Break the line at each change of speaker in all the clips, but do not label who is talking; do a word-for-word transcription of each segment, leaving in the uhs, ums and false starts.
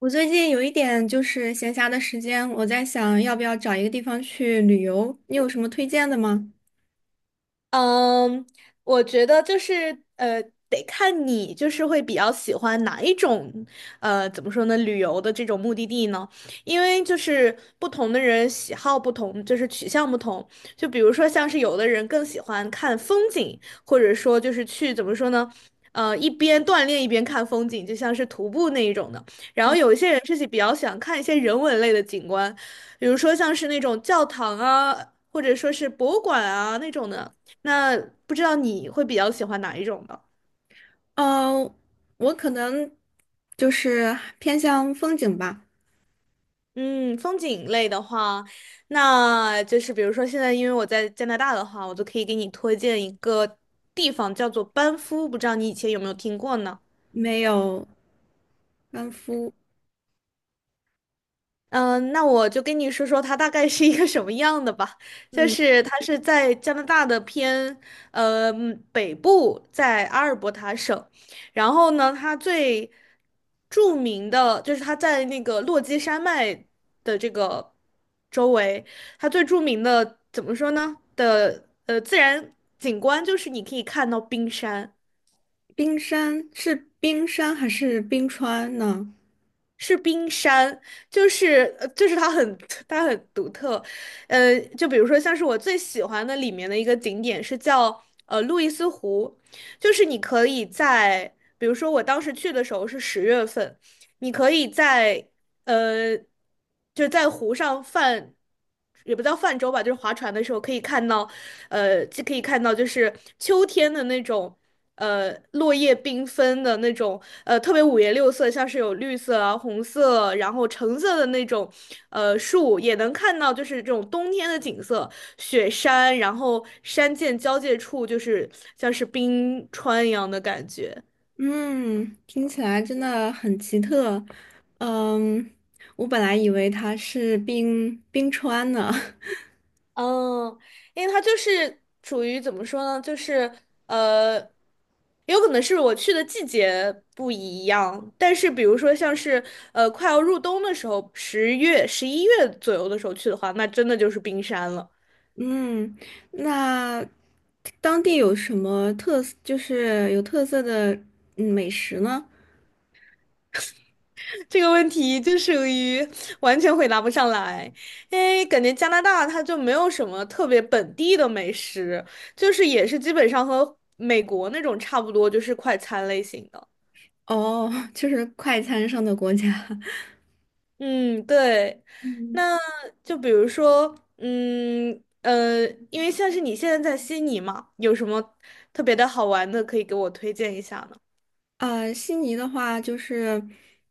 我最近有一点就是闲暇的时间，我在想要不要找一个地方去旅游，你有什么推荐的吗？
嗯，我觉得就是呃，得看你就是会比较喜欢哪一种，呃，怎么说呢，旅游的这种目的地呢？因为就是不同的人喜好不同，就是取向不同。就比如说像是有的人更喜欢看风景，或者说就是去怎么说呢，呃，一边锻炼一边看风景，就像是徒步那一种的。然后有一些人是比较想看一些人文类的景观，比如说像是那种教堂啊，或者说是博物馆啊那种的。那不知道你会比较喜欢哪一种呢？
呃，我可能就是偏向风景吧。
嗯，风景类的话，那就是比如说现在因为我在加拿大的话，我就可以给你推荐一个地方叫做班夫，不知道你以前有没有听过呢？
没有班夫。
嗯，呃那我就跟你说说它大概是一个什么样的吧。就
嗯，
是它是在加拿大的偏呃嗯北部，在阿尔伯塔省。然后呢，它最著名的就是它在那个落基山脉的这个周围，它最著名的怎么说呢的呃自然景观就是你可以看到冰山。
冰山是冰山还是冰川呢？
是冰山，就是呃就是它很它很独特，呃，就比如说像是我最喜欢的里面的一个景点是叫呃路易斯湖，就是你可以在，比如说我当时去的时候是十月份，你可以在呃，就是在湖上泛，也不叫泛舟吧，就是划船的时候可以看到，呃，就可以看到就是秋天的那种，呃，落叶缤纷的那种，呃，特别五颜六色，像是有绿色啊、红色，然后橙色的那种，呃，树，也能看到就是这种冬天的景色，雪山，然后山涧交界处就是像是冰川一样的感觉。
嗯，听起来真的很奇特。嗯，我本来以为它是冰冰川呢。
嗯，因为它就是处于怎么说呢，就是呃，有可能是我去的季节不一样，但是比如说像是呃快要入冬的时候，十月、十一月左右的时候去的话，那真的就是冰山了。
嗯，那当地有什么特色，就是有特色的嗯美食呢？
这个问题就属于完全回答不上来，因为感觉加拿大它就没有什么特别本地的美食，就是也是基本上和美国那种差不多，就是快餐类型的。
哦，就是快餐上的国家。
嗯，对，
嗯。
那就比如说，嗯呃，因为像是你现在在悉尼嘛，有什么特别的好玩的可以给我推荐一下呢？
呃，悉尼的话就是，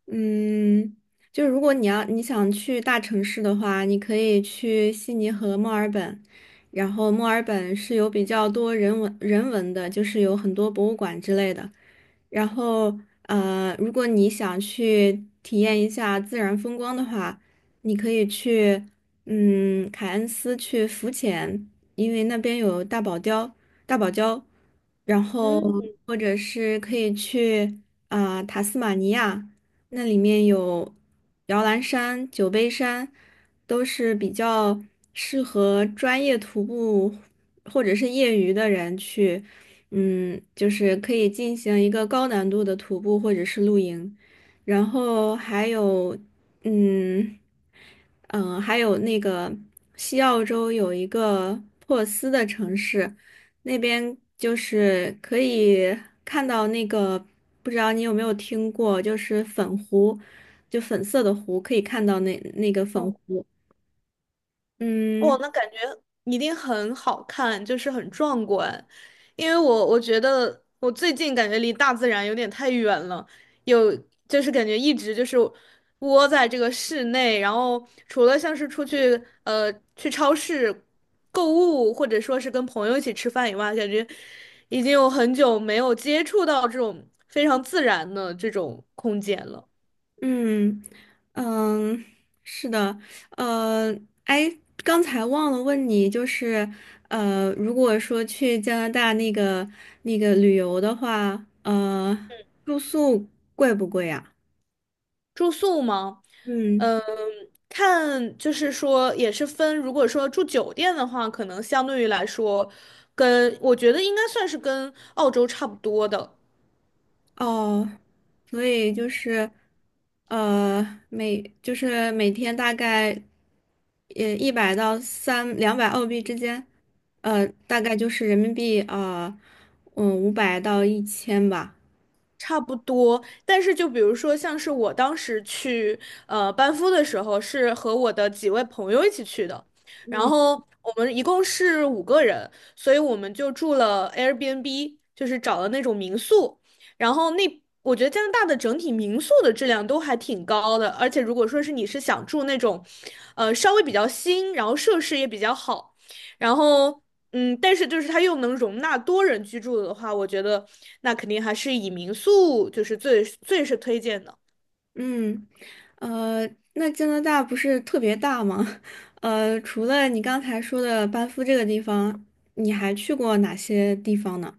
嗯，就是如果你要你想去大城市的话，你可以去悉尼和墨尔本，然后墨尔本是有比较多人文人文的，就是有很多博物馆之类的。然后，呃，如果你想去体验一下自然风光的话，你可以去，嗯，凯恩斯去浮潜，因为那边有大堡礁，大堡礁，然后
嗯。
或者是可以去啊、呃塔斯马尼亚，那里面有摇篮山、酒杯山，都是比较适合专业徒步或者是业余的人去。嗯，就是可以进行一个高难度的徒步或者是露营。然后还有，嗯嗯，呃还有那个西澳洲有一个珀斯的城市，那边就是可以看到那个，不知道你有没有听过，就是粉湖，就粉色的湖，可以看到那那个粉湖。
哇，
嗯。
那感觉一定很好看，就是很壮观。因为我我觉得我最近感觉离大自然有点太远了，有就是感觉一直就是窝在这个室内，然后除了像是出去呃去超市购物，或者说是跟朋友一起吃饭以外，感觉已经有很久没有接触到这种非常自然的这种空间了。
嗯嗯，是的。呃，哎，刚才忘了问你，就是呃，如果说去加拿大那个那个旅游的话，呃，住宿贵不贵啊？
住宿吗？
嗯。
嗯，看，就是说也是分，如果说住酒店的话，可能相对于来说，跟我觉得应该算是跟澳洲差不多的。
哦，所以就是，呃，每就是每天大概，呃，一百到三两百澳币之间，呃，大概就是人民币啊，呃嗯，五百到一千吧。
差不多，但是就比如说，像是我当时去呃班夫的时候，是和我的几位朋友一起去的，然后我们一共是五个人，所以我们就住了 Airbnb，就是找了那种民宿，然后那我觉得加拿大的整体民宿的质量都还挺高的，而且如果说是你是想住那种，呃稍微比较新，然后设施也比较好，然后。嗯，但是就是它又能容纳多人居住的话，我觉得那肯定还是以民宿就是最最是推荐的。
嗯。呃，那加拿大不是特别大吗？呃，除了你刚才说的班夫这个地方，你还去过哪些地方呢？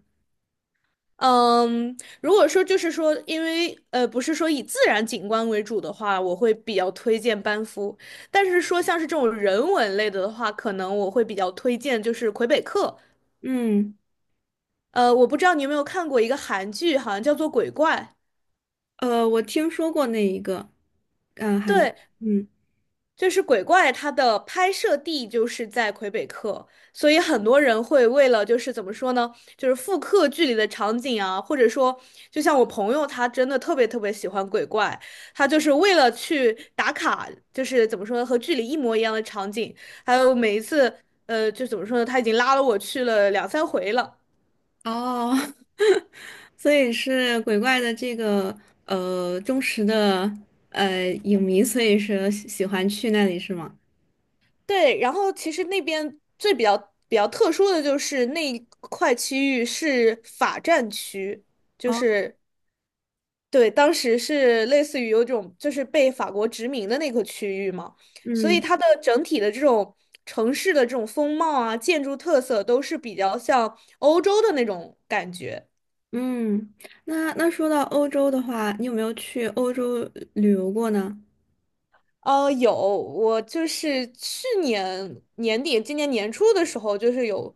嗯，如果说就是说，因为呃不是说以自然景观为主的话，我会比较推荐班夫。但是说像是这种人文类的的话，可能我会比较推荐就是魁北克。
嗯。
呃，我不知道你有没有看过一个韩剧，好像叫做《鬼怪》。
呃，我听说过那一个。
对，
嗯。
就是鬼怪它的拍摄地就是在魁北克，所以很多人会为了就是怎么说呢，就是复刻剧里的场景啊，或者说，就像我朋友他真的特别特别喜欢鬼怪，他就是为了去打卡，就是怎么说呢，和剧里一模一样的场景，还有每一次，呃，就怎么说呢，他已经拉了我去了两三回了。
哦，所以是鬼怪的这个呃忠实的呃影迷，所以是喜喜欢去那里是吗？
对，然后其实那边最比较比较特殊的就是那一块区域是法占区，就
哦。
是对，当时是类似于有种就是被法国殖民的那个区域嘛，所以
嗯
它的整体的这种城市的这种风貌啊、建筑特色都是比较像欧洲的那种感觉。
嗯，那那说到欧洲的话，你有没有去欧洲旅游过呢？
呃，有，我就是去年年底、今年年初的时候，就是有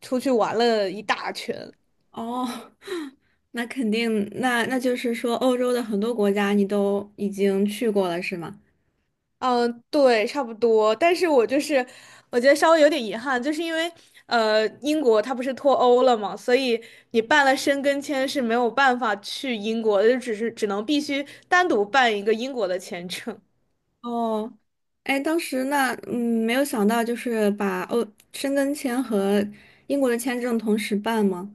出去玩了一大圈。
哦，那肯定，那那就是说，欧洲的很多国家你都已经去过了，是吗？
嗯，对，差不多。但是我就是，我觉得稍微有点遗憾，就是因为呃，英国它不是脱欧了嘛，所以你办了申根签是没有办法去英国的，就只是只能必须单独办一个英国的签证。
哦，哎，当时那嗯，没有想到就是把欧申根签和英国的签证同时办吗？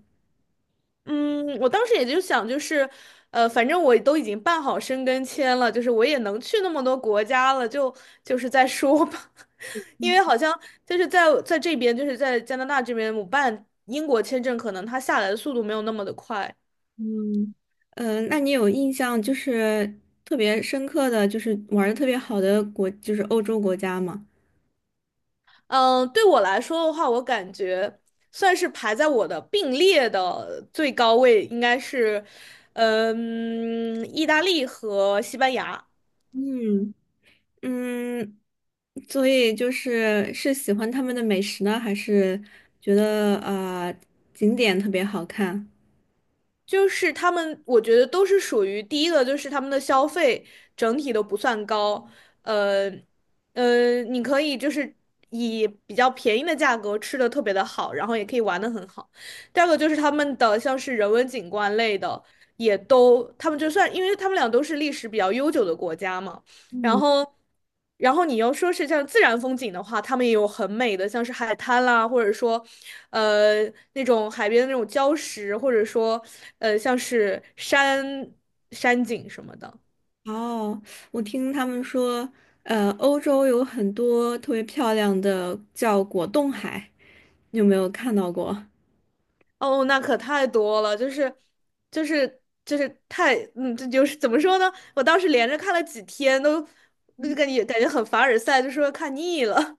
嗯，我当时也就想，就是，呃，反正我都已经办好申根签了，就是我也能去那么多国家了，就就是再说吧。因为好像就是在在这边，就是在加拿大这边，我办英国签证，可能它下来的速度没有那么的快。
嗯。呃，那你有印象就是特别深刻的就是玩的特别好的国，就是欧洲国家吗？
嗯，对我来说的话，我感觉算是排在我的并列的最高位，应该是，呃嗯，意大利和西班牙。
嗯。嗯，所以就是是喜欢他们的美食呢，还是觉得呃景点特别好看？
就是他们，我觉得都是属于第一个，就是他们的消费整体都不算高，呃，呃，你可以就是以比较便宜的价格吃的特别的好，然后也可以玩的很好。第二个就是他们的像是人文景观类的，也都他们就算，因为他们俩都是历史比较悠久的国家嘛。然
嗯。
后，然后你要说是像自然风景的话，他们也有很美的，像是海滩啦，或者说，呃，那种海边的那种礁石，或者说，呃，像是山山景什么的。
哦，我听他们说，呃，欧洲有很多特别漂亮的叫果冻海，你有没有看到过？
哦，那可太多了，就是，就是就是太，嗯，这就是怎么说呢？我当时连着看了几天，都那就感觉感觉很凡尔赛，就说看腻了。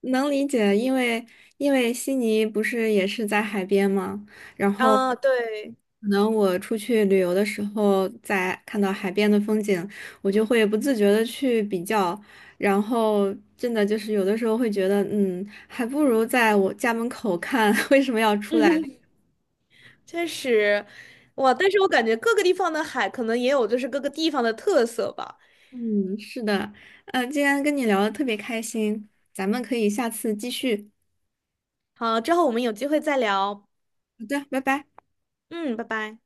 能理解，因为因为悉尼不是也是在海边吗？然 后
啊，对。
可能我出去旅游的时候，在看到海边的风景，我就会不自觉的去比较，然后真的就是有的时候会觉得，嗯，还不如在我家门口看，为什么要出来。
确实，哇！但是我感觉各个地方的海可能也有就是各个地方的特色吧。
嗯，是的。呃，今天跟你聊的特别开心，咱们可以下次继续。
好，之后我们有机会再聊。
好的，拜拜。
嗯，拜拜。